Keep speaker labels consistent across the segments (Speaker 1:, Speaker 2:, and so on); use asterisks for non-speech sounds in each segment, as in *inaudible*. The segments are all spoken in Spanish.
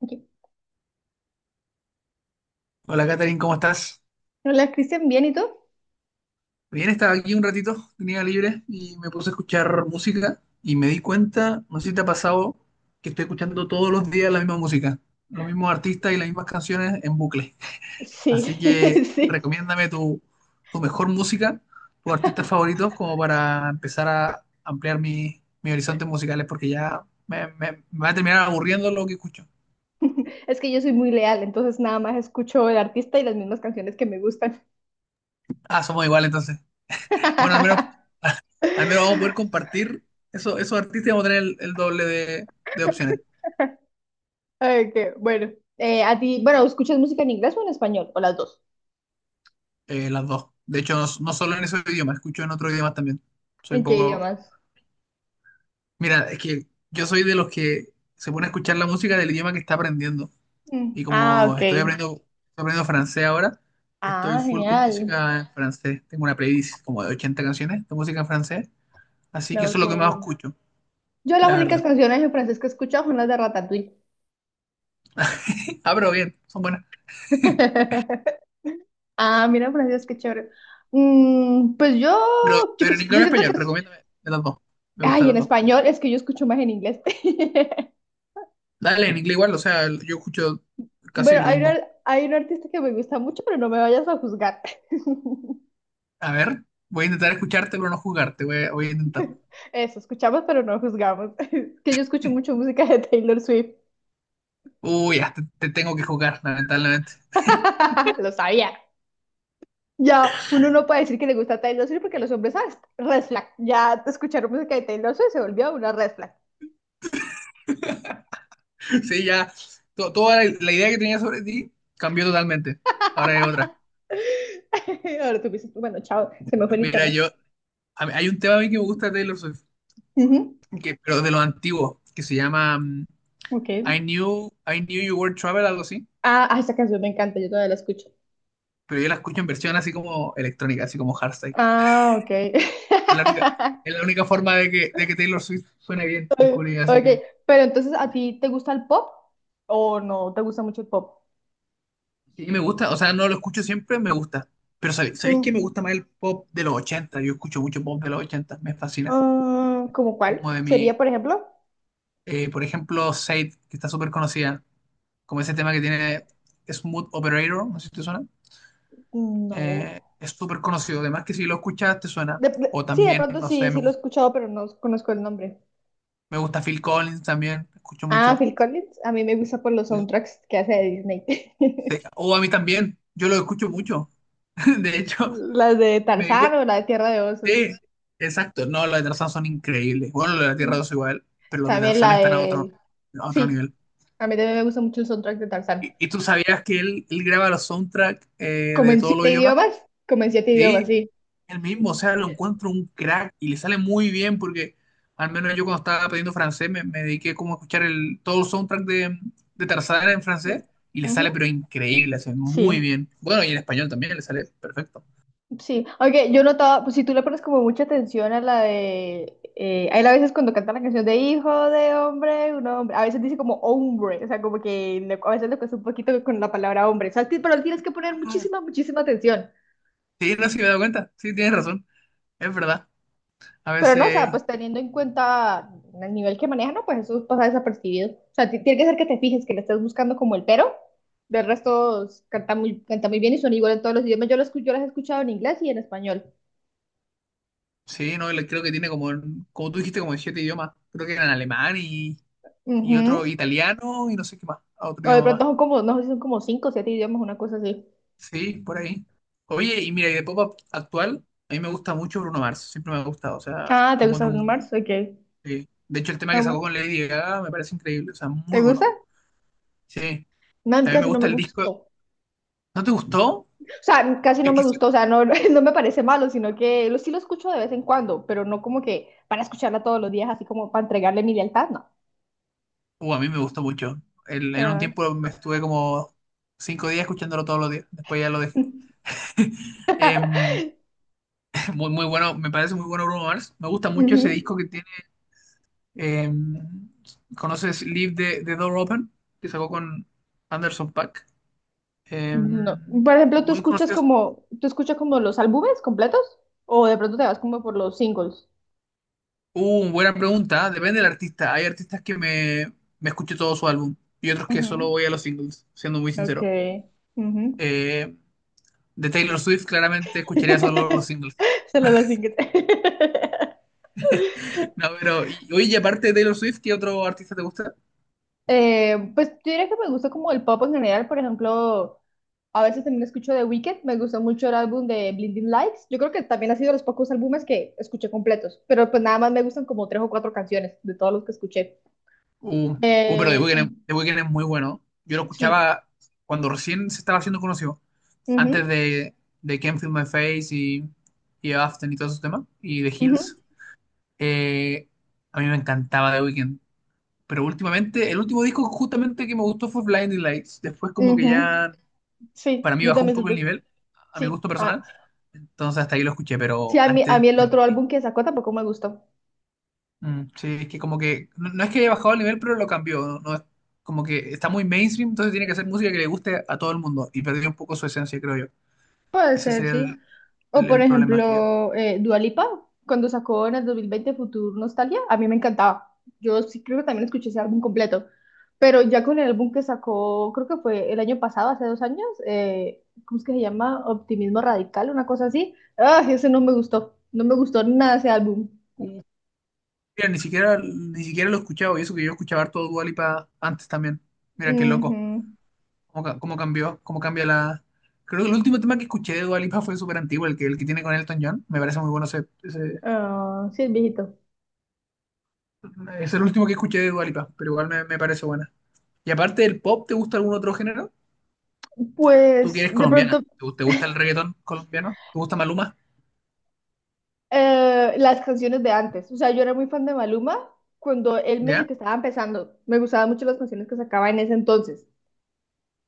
Speaker 1: Ok.
Speaker 2: Hola, Katherine, ¿cómo estás?
Speaker 1: Hola, Cristian, ¿bien y tú?
Speaker 2: Bien, estaba aquí un ratito, tenía libre y me puse a escuchar música y me di cuenta, no sé si te ha pasado, que estoy escuchando todos los días la misma música, los mismos artistas y las mismas canciones en bucle. *laughs*
Speaker 1: Sí,
Speaker 2: Así que
Speaker 1: *laughs* sí.
Speaker 2: recomiéndame tu mejor música, tus artistas favoritos, como para empezar a ampliar mis horizontes musicales, porque ya me va a terminar aburriendo lo que escucho.
Speaker 1: Es que yo soy muy leal, entonces nada más escucho el artista y las mismas canciones que me gustan.
Speaker 2: Ah, somos iguales entonces. Bueno, al menos
Speaker 1: *laughs*
Speaker 2: Al menos vamos a poder compartir esos artistas y vamos a tener el doble de opciones.
Speaker 1: Ok, bueno. A ti, bueno, ¿escuchas música en inglés o en español? ¿O las dos?
Speaker 2: Las dos. De hecho, no, no solo en ese idioma, escucho en otros idiomas también. Soy un
Speaker 1: ¿En qué
Speaker 2: poco...
Speaker 1: idiomas?
Speaker 2: Mira, es que yo soy de los que se pone a escuchar la música del idioma que está aprendiendo.
Speaker 1: Mm,
Speaker 2: Y
Speaker 1: ah,
Speaker 2: como
Speaker 1: ok.
Speaker 2: estoy aprendiendo, Estoy aprendiendo francés ahora, estoy
Speaker 1: Ah,
Speaker 2: full con
Speaker 1: genial.
Speaker 2: música en francés. Tengo una playlist como de 80 canciones de música en francés. Así que
Speaker 1: No,
Speaker 2: eso
Speaker 1: ok.
Speaker 2: es lo que más escucho,
Speaker 1: Yo las
Speaker 2: la
Speaker 1: únicas
Speaker 2: verdad.
Speaker 1: canciones en francés que he escuchado son las de Ratatouille.
Speaker 2: *laughs* Ah, pero bien, son buenas. *laughs*
Speaker 1: *laughs* Ah, mira, Francisco, qué chévere. Mm, pues yo,
Speaker 2: Pero,
Speaker 1: yo,
Speaker 2: pero en inglés
Speaker 1: yo
Speaker 2: y
Speaker 1: siento que...
Speaker 2: español, recomiéndame de las dos. Me gustan
Speaker 1: Ay, en
Speaker 2: las dos.
Speaker 1: español, es que yo escucho más en inglés. *laughs*
Speaker 2: Dale, en inglés igual, o sea, yo escucho casi
Speaker 1: Bueno,
Speaker 2: lo
Speaker 1: hay un,
Speaker 2: mismo.
Speaker 1: hay un artista que me gusta mucho, pero no me vayas a juzgar. *laughs*
Speaker 2: A ver, voy a intentar escucharte pero no jugarte, voy a intentarlo.
Speaker 1: Eso, escuchamos, pero no juzgamos. *laughs* Es que yo escucho mucho música de Taylor Swift.
Speaker 2: Uy, ya, te tengo que jugar, lamentablemente. *laughs*
Speaker 1: *laughs* Lo sabía. Ya, uno no puede decir que le gusta Taylor Swift porque los hombres, ¿sabes? Red flag. Ya escucharon música de Taylor Swift se volvió una red flag.
Speaker 2: Sí, ya, toda la idea que tenía sobre ti cambió totalmente. Ahora es otra.
Speaker 1: *laughs* Ahora tú dices, bueno, chao, se me fue el
Speaker 2: Mira,
Speaker 1: internet.
Speaker 2: hay un tema a mí que me gusta de Taylor Swift,
Speaker 1: Ujú,
Speaker 2: que, pero de los antiguos, que se llama
Speaker 1: ok.
Speaker 2: I Knew You Were Trouble, algo así,
Speaker 1: Ah, ah, esa canción me encanta, yo todavía la escucho.
Speaker 2: pero yo la escucho en versión así como electrónica, así como hardstyle.
Speaker 1: Ah, ok.
Speaker 2: Es la única, es
Speaker 1: *laughs*
Speaker 2: la única forma de que Taylor Swift suene bien, descubrí, así
Speaker 1: Ok,
Speaker 2: que...
Speaker 1: pero entonces, ¿a ti te gusta el pop o no te gusta mucho el pop?
Speaker 2: Sí, me gusta, o sea, no lo escucho siempre, me gusta. Pero ¿sabéis que me
Speaker 1: Mm,
Speaker 2: gusta más el pop de los 80? Yo escucho mucho pop de los 80, me fascina.
Speaker 1: ah, ¿cómo cuál?
Speaker 2: Como de
Speaker 1: ¿Sería,
Speaker 2: mi,
Speaker 1: por ejemplo?
Speaker 2: por ejemplo, Sade, que está súper conocida, como ese tema que tiene Smooth Operator, no sé si te suena.
Speaker 1: No.
Speaker 2: Es súper conocido, además que si lo escuchas te suena. O
Speaker 1: Sí, de
Speaker 2: también,
Speaker 1: pronto
Speaker 2: no
Speaker 1: sí,
Speaker 2: sé,
Speaker 1: sí lo he escuchado, pero no conozco el nombre.
Speaker 2: me gusta Phil Collins también, escucho
Speaker 1: Ah,
Speaker 2: mucho.
Speaker 1: Phil Collins. A mí me gusta por los
Speaker 2: Eh,
Speaker 1: soundtracks que hace de Disney.
Speaker 2: sí,
Speaker 1: *laughs*
Speaker 2: o a mí también, yo lo escucho mucho. *laughs* De hecho,
Speaker 1: Las de
Speaker 2: me, di cu-
Speaker 1: Tarzán o la de Tierra de Osos.
Speaker 2: sí, exacto. No, los de Tarzán son increíbles. Bueno, los de la Tierra 2
Speaker 1: Sí.
Speaker 2: igual, pero los de
Speaker 1: También
Speaker 2: Tarzán
Speaker 1: la
Speaker 2: están a
Speaker 1: de...
Speaker 2: a otro
Speaker 1: Sí,
Speaker 2: nivel.
Speaker 1: a mí también me gusta mucho el soundtrack de Tarzán.
Speaker 2: ¿Y tú sabías que él graba los soundtracks,
Speaker 1: Como
Speaker 2: de
Speaker 1: en
Speaker 2: todos los
Speaker 1: siete
Speaker 2: idiomas?
Speaker 1: idiomas, como en siete idiomas,
Speaker 2: Sí,
Speaker 1: sí.
Speaker 2: él mismo, o sea, lo encuentro un crack y le sale muy bien porque al menos yo cuando estaba aprendiendo francés me dediqué como a escuchar todo el soundtrack de Tarzán en
Speaker 1: Mm,
Speaker 2: francés y le
Speaker 1: ujú,
Speaker 2: sale pero increíble, hace muy
Speaker 1: sí,
Speaker 2: bien. Bueno, y en español también le sale perfecto.
Speaker 1: sí. Aunque yo notaba, pues si tú le pones como mucha atención a la de... a él a veces cuando canta la canción de hijo de hombre, un hombre, a veces dice como hombre, o sea, como que a veces le cuesta un poquito con la palabra hombre, o sea, pero tienes que poner
Speaker 2: Ah,
Speaker 1: muchísima, muchísima atención.
Speaker 2: sí, no sé si me he dado cuenta, sí, tienes razón, es verdad. A
Speaker 1: Pero no, o sea,
Speaker 2: veces...
Speaker 1: pues teniendo en cuenta el nivel que maneja, no, pues eso pasa desapercibido. O sea, tiene que ser que te fijes, que le estés buscando como el pero. Del resto canta muy bien y son igual en todos los idiomas. Yo las he escuchado en inglés y en español.
Speaker 2: Sí, no, creo que tiene como tú dijiste, como en siete idiomas. Creo que eran alemán y otro
Speaker 1: Ujú.
Speaker 2: italiano y no sé qué más, otro
Speaker 1: O de
Speaker 2: idioma
Speaker 1: pronto
Speaker 2: más.
Speaker 1: son como, no sé, si son como cinco o siete idiomas, una cosa así.
Speaker 2: Sí, por ahí. Oye, y mira, y de pop up actual, a mí me gusta mucho Bruno Mars, siempre me ha gustado, o sea,
Speaker 1: Ah, ¿te gusta Bruno Mars? Ok.
Speaker 2: sí. De hecho, el tema
Speaker 1: Ah,
Speaker 2: que
Speaker 1: bueno.
Speaker 2: sacó con Lady Gaga me parece increíble, o sea,
Speaker 1: ¿Te
Speaker 2: muy
Speaker 1: gusta?
Speaker 2: bueno. Sí,
Speaker 1: No, a mí
Speaker 2: también me
Speaker 1: casi no me
Speaker 2: gusta el disco.
Speaker 1: gustó. O
Speaker 2: ¿No te gustó?
Speaker 1: sea, casi no
Speaker 2: Es
Speaker 1: me
Speaker 2: que sí.
Speaker 1: gustó, o sea, no, *laughs* no me parece malo, sino que sí lo escucho de vez en cuando, pero no como que para escucharla todos los días, así como para entregarle mi lealtad, no.
Speaker 2: A mí me gustó mucho. En un
Speaker 1: Ah.
Speaker 2: tiempo me estuve como 5 días escuchándolo todos los días, después ya lo dejé.
Speaker 1: *laughs*
Speaker 2: *laughs* Em, Muy, muy bueno, me parece muy bueno Bruno Mars. Me gusta mucho ese
Speaker 1: Ujú.
Speaker 2: disco que tiene. eh, ¿Conoces Leave the Door Open? Que sacó con Anderson Paak. Eh,
Speaker 1: No. Por ejemplo, ¿tú
Speaker 2: Muy
Speaker 1: escuchas
Speaker 2: conocidos.
Speaker 1: como, tú escuchas como los álbumes completos? ¿O de pronto te vas como por los singles?
Speaker 2: Buena pregunta. ¿Ah? Depende del artista. Hay artistas que me escucho todo su álbum y otros que solo
Speaker 1: Ujú.
Speaker 2: voy a los singles, siendo muy
Speaker 1: Ok.
Speaker 2: sincero.
Speaker 1: Ujú.
Speaker 2: Eh, de Taylor Swift, claramente escucharía solo los singles. *laughs*
Speaker 1: *laughs* Solo los singles. *laughs*
Speaker 2: No, pero, y, oye, y aparte de Taylor Swift, ¿qué otro artista te gusta?
Speaker 1: Pues yo diría que me gusta como el pop en general, por ejemplo, a veces también escucho The Weeknd, me gustó mucho el álbum de Blinding Lights, yo creo que también ha sido de los pocos álbumes que escuché completos, pero pues nada más me gustan como tres o cuatro canciones de todos los que escuché.
Speaker 2: Uh, pero The
Speaker 1: Eh,
Speaker 2: Weeknd,
Speaker 1: con-
Speaker 2: The Weeknd es muy bueno. Yo lo
Speaker 1: sí,
Speaker 2: escuchaba cuando recién se estaba haciendo conocido, antes
Speaker 1: ujú,
Speaker 2: de Can't Feel My Face, y After y todos esos temas, y The
Speaker 1: ujú,
Speaker 2: Hills. Eh, a mí me encantaba The Weeknd. Pero últimamente, el último disco justamente que me gustó fue Blinding Lights. Después como que
Speaker 1: ujú.
Speaker 2: ya
Speaker 1: Sí,
Speaker 2: para mí
Speaker 1: yo
Speaker 2: bajó un
Speaker 1: también
Speaker 2: poco el
Speaker 1: siento...
Speaker 2: nivel, a mi
Speaker 1: Sí,
Speaker 2: gusto
Speaker 1: ah,
Speaker 2: personal. Entonces hasta ahí lo escuché,
Speaker 1: sí,
Speaker 2: pero
Speaker 1: a mí, a
Speaker 2: antes
Speaker 1: mí el
Speaker 2: me
Speaker 1: otro
Speaker 2: parecía...
Speaker 1: álbum que sacó tampoco me gustó.
Speaker 2: Mm, sí, es que como que no, no es que haya bajado el nivel, pero lo cambió. No, como que está muy mainstream, entonces tiene que hacer música que le guste a todo el mundo y perdió un poco su esencia, creo yo.
Speaker 1: Puede
Speaker 2: Ese
Speaker 1: ser,
Speaker 2: sería
Speaker 1: sí. O por
Speaker 2: el problema que yo.
Speaker 1: ejemplo, Dua Lipa, cuando sacó en el 2020 Futur Nostalgia, a mí me encantaba. Yo sí creo que también escuché ese álbum completo. Pero ya con el álbum que sacó, creo que fue el año pasado, hace 2 años, ¿cómo es que se llama? Optimismo Radical, una cosa así. Ah, ese no me gustó. No me gustó nada ese álbum.
Speaker 2: Sí. Mira, ni siquiera lo he escuchado y eso que yo escuchaba todo Dua Lipa antes también. Mira qué loco.
Speaker 1: Ujú.
Speaker 2: Cómo cambió, cómo cambia la. Creo que el último tema que escuché de Dua Lipa fue súper antiguo, el que tiene con Elton John. Me parece muy bueno
Speaker 1: Ah, sí, el viejito.
Speaker 2: es el último que escuché de Dua Lipa, pero igual me parece buena. Y aparte del pop, ¿te gusta algún otro género? Tú que
Speaker 1: Pues
Speaker 2: eres
Speaker 1: de pronto
Speaker 2: colombiana, ¿te gusta el reggaetón colombiano? ¿Te gusta Maluma?
Speaker 1: las canciones de antes. O sea, yo era muy fan de Maluma cuando él medio
Speaker 2: ¿Ya?
Speaker 1: que estaba empezando. Me gustaban mucho las canciones que sacaba en ese entonces.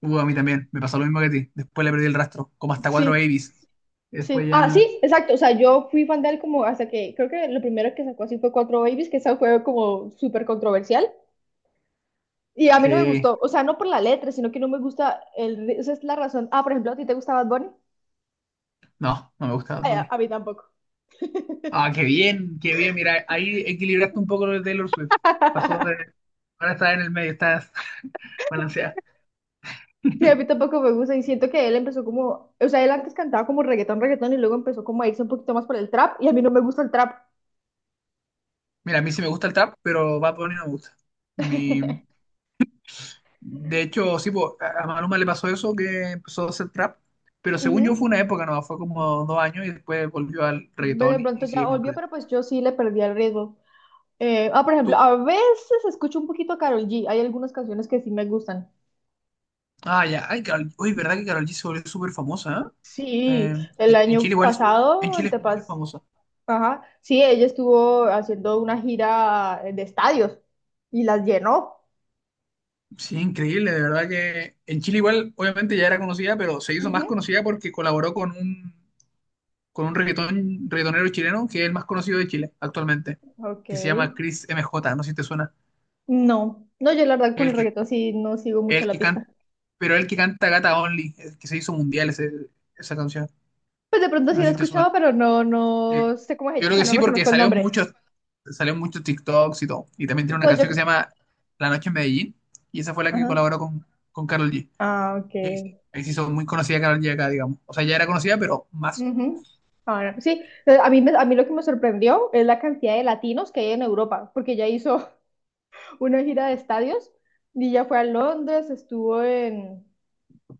Speaker 2: A mí también, me pasó lo mismo que a ti. Después le perdí el rastro, como hasta cuatro
Speaker 1: Sí,
Speaker 2: babies. Y
Speaker 1: sí.
Speaker 2: después
Speaker 1: Ah, sí,
Speaker 2: ya,
Speaker 1: exacto. O sea, yo fui fan de él como hasta que creo que lo primero que sacó así fue Cuatro Babies, que esa fue como súper controversial. Y a mí no me
Speaker 2: sí,
Speaker 1: gustó. O sea, no por la letra, sino que no me gusta el... Esa es la razón. Ah, por ejemplo, ¿a ti te gustaba Bad Bunny?
Speaker 2: no, no me gusta Bad
Speaker 1: Ay, a
Speaker 2: Bunny.
Speaker 1: a mí tampoco.
Speaker 2: Ah, qué bien, mira, ahí equilibraste un poco lo de Taylor Swift. Pasó de,
Speaker 1: *laughs*
Speaker 2: ahora estás en el medio, estás *laughs* balanceada.
Speaker 1: Sí, a mí
Speaker 2: *laughs*
Speaker 1: tampoco me gusta y siento que él empezó como, o sea, él antes cantaba como reggaetón, reggaetón y luego empezó como a irse un poquito más por el trap y a mí no me gusta el trap.
Speaker 2: Mira, a mí sí me gusta el trap, pero Bad Bunny no me gusta. Mi,
Speaker 1: *laughs*
Speaker 2: De hecho, sí, po, a Maluma le pasó eso, que empezó a hacer trap, pero según yo fue
Speaker 1: Ujú.
Speaker 2: una época, no, fue como 2 años y después volvió al
Speaker 1: Ve, de
Speaker 2: reggaetón
Speaker 1: pronto
Speaker 2: y
Speaker 1: ya
Speaker 2: sigue con
Speaker 1: volvió,
Speaker 2: reggaetón.
Speaker 1: pero pues yo sí le perdí el ritmo. Ah, por ejemplo,
Speaker 2: Tú,
Speaker 1: a veces escucho un poquito a Karol G. Hay algunas canciones que sí me gustan.
Speaker 2: ya, ay, Karol, uy, ¿verdad que Karol G se volvió súper famosa?
Speaker 1: Sí,
Speaker 2: ¿Eh?
Speaker 1: el
Speaker 2: En
Speaker 1: año
Speaker 2: Chile igual, en
Speaker 1: pasado,
Speaker 2: Chile es muy famosa.
Speaker 1: ajá, sí, ella estuvo haciendo una gira de estadios y las llenó.
Speaker 2: Sí, increíble, de verdad que en Chile igual, obviamente ya era conocida, pero se hizo más
Speaker 1: Ujú.
Speaker 2: conocida porque colaboró con un reggaetonero chileno que es el más conocido de Chile actualmente,
Speaker 1: Ok.
Speaker 2: que se llama Chris M J, no sé si te suena.
Speaker 1: No, no, yo la verdad con
Speaker 2: El
Speaker 1: el reggaetón sí no sigo mucho
Speaker 2: El
Speaker 1: la
Speaker 2: que canta,
Speaker 1: pista.
Speaker 2: pero el que canta Gata Only, el que se hizo mundial esa canción.
Speaker 1: Pues de pronto
Speaker 2: No
Speaker 1: sí
Speaker 2: sé
Speaker 1: lo he
Speaker 2: si te
Speaker 1: escuchado,
Speaker 2: suena.
Speaker 1: pero no,
Speaker 2: Sí.
Speaker 1: no sé cómo
Speaker 2: Yo
Speaker 1: es, o
Speaker 2: creo
Speaker 1: sea,
Speaker 2: que
Speaker 1: no
Speaker 2: sí, porque
Speaker 1: reconozco el nombre.
Speaker 2: salió en muchos TikToks y todo. Y también tiene una
Speaker 1: Entonces
Speaker 2: canción que
Speaker 1: yo,
Speaker 2: se llama La Noche en Medellín. Y esa fue la que
Speaker 1: ajá,
Speaker 2: colaboró con Karol G.
Speaker 1: ah, ok.
Speaker 2: Y ahí se hizo muy conocida Karol G acá, digamos. O sea, ya era conocida, pero más.
Speaker 1: Ujú. Ah, no, sí, a mí lo que me sorprendió es la cantidad de latinos que hay en Europa, porque ella hizo *laughs* una gira de estadios y ya fue a Londres, estuvo en,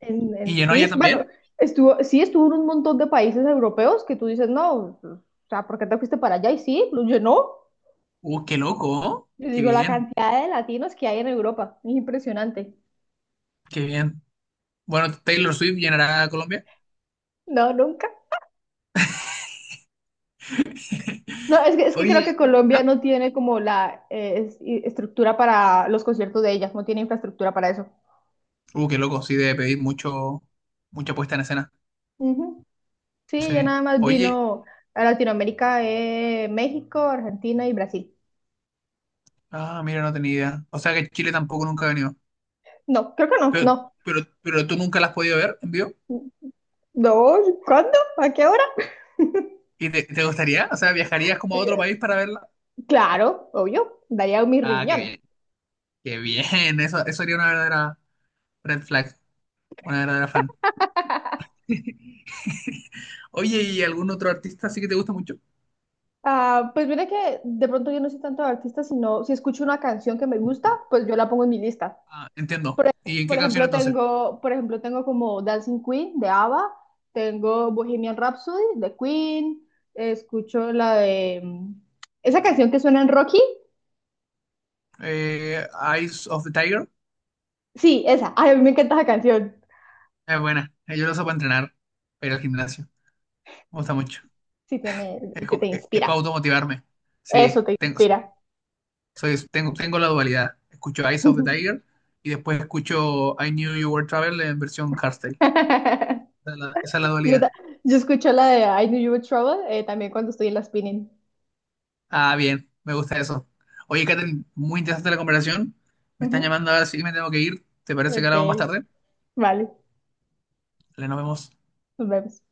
Speaker 1: en,
Speaker 2: Y
Speaker 1: en
Speaker 2: llenó ella
Speaker 1: Suiza, bueno,
Speaker 2: también.
Speaker 1: sí estuvo en un montón de países europeos que tú dices, no, o sea, ¿por qué te fuiste para allá? Y sí, pues, yo no,
Speaker 2: Qué loco, ¿oh?
Speaker 1: yo
Speaker 2: Qué
Speaker 1: digo, la
Speaker 2: bien,
Speaker 1: cantidad de latinos que hay en Europa, es impresionante.
Speaker 2: qué bien. Bueno, Taylor Swift llenará a Colombia.
Speaker 1: No, nunca. No, es que creo
Speaker 2: Oye,
Speaker 1: que Colombia
Speaker 2: ¿ah?
Speaker 1: no tiene como la estructura para los conciertos de ellas, no tiene infraestructura para eso.
Speaker 2: Qué loco, sí, debe pedir mucha puesta en escena.
Speaker 1: Ujú. Sí, ella
Speaker 2: Sí.
Speaker 1: nada más
Speaker 2: Oye,
Speaker 1: vino a Latinoamérica, México, Argentina y Brasil.
Speaker 2: mira, no tenía idea. O sea que Chile tampoco nunca ha venido.
Speaker 1: No, creo que no,
Speaker 2: Pero,
Speaker 1: no.
Speaker 2: pero tú nunca la has podido ver en vivo.
Speaker 1: No, ¿cuándo? ¿A qué hora? *laughs*
Speaker 2: ¿Y te gustaría? O sea, ¿viajarías como a otro
Speaker 1: Eh,
Speaker 2: país para verla?
Speaker 1: Claro, obvio, daría mi
Speaker 2: Ah, qué
Speaker 1: riñón.
Speaker 2: bien. Qué bien. *laughs* Eso sería una verdadera red flag. Una verdadera fan.
Speaker 1: *laughs*
Speaker 2: *laughs* Oye, ¿y algún otro artista así que te gusta mucho?
Speaker 1: Ah, pues mira que de pronto yo no soy tanto de artista, sino si escucho una canción que me gusta, pues yo la pongo en mi lista.
Speaker 2: Ah, entiendo. ¿Y en
Speaker 1: Por
Speaker 2: qué canción
Speaker 1: ejemplo,
Speaker 2: entonces?
Speaker 1: tengo como Dancing Queen de ABBA, tengo Bohemian Rhapsody de Queen, escucho la de esa canción que suena en Rocky.
Speaker 2: Eh, Eyes of the Tiger.
Speaker 1: Sí, esa. Ay, a mí me encanta esa canción.
Speaker 2: Es buena. Yo lo uso para entrenar, pero al gimnasio. Me gusta mucho.
Speaker 1: Sí, tiene, te, te
Speaker 2: Es, para
Speaker 1: inspira.
Speaker 2: automotivarme.
Speaker 1: Eso
Speaker 2: Sí,
Speaker 1: te
Speaker 2: tengo.
Speaker 1: inspira.
Speaker 2: Tengo, la dualidad. Escucho Eyes of the Tiger y después escucho I Knew You Were Trouble en versión hardstyle.
Speaker 1: *laughs*
Speaker 2: Esa es la
Speaker 1: Yo,
Speaker 2: dualidad.
Speaker 1: ta- yo escucho la de I Knew You Were Trouble también cuando estoy en la spinning.
Speaker 2: Ah, bien, me gusta eso. Oye, Karen, muy interesante la conversación. Me están
Speaker 1: Ujú.
Speaker 2: llamando ahora sí, me tengo que ir. ¿Te parece que
Speaker 1: Ok,
Speaker 2: hablamos más tarde?
Speaker 1: vale,
Speaker 2: Dale, nos vemos.
Speaker 1: nos vemos.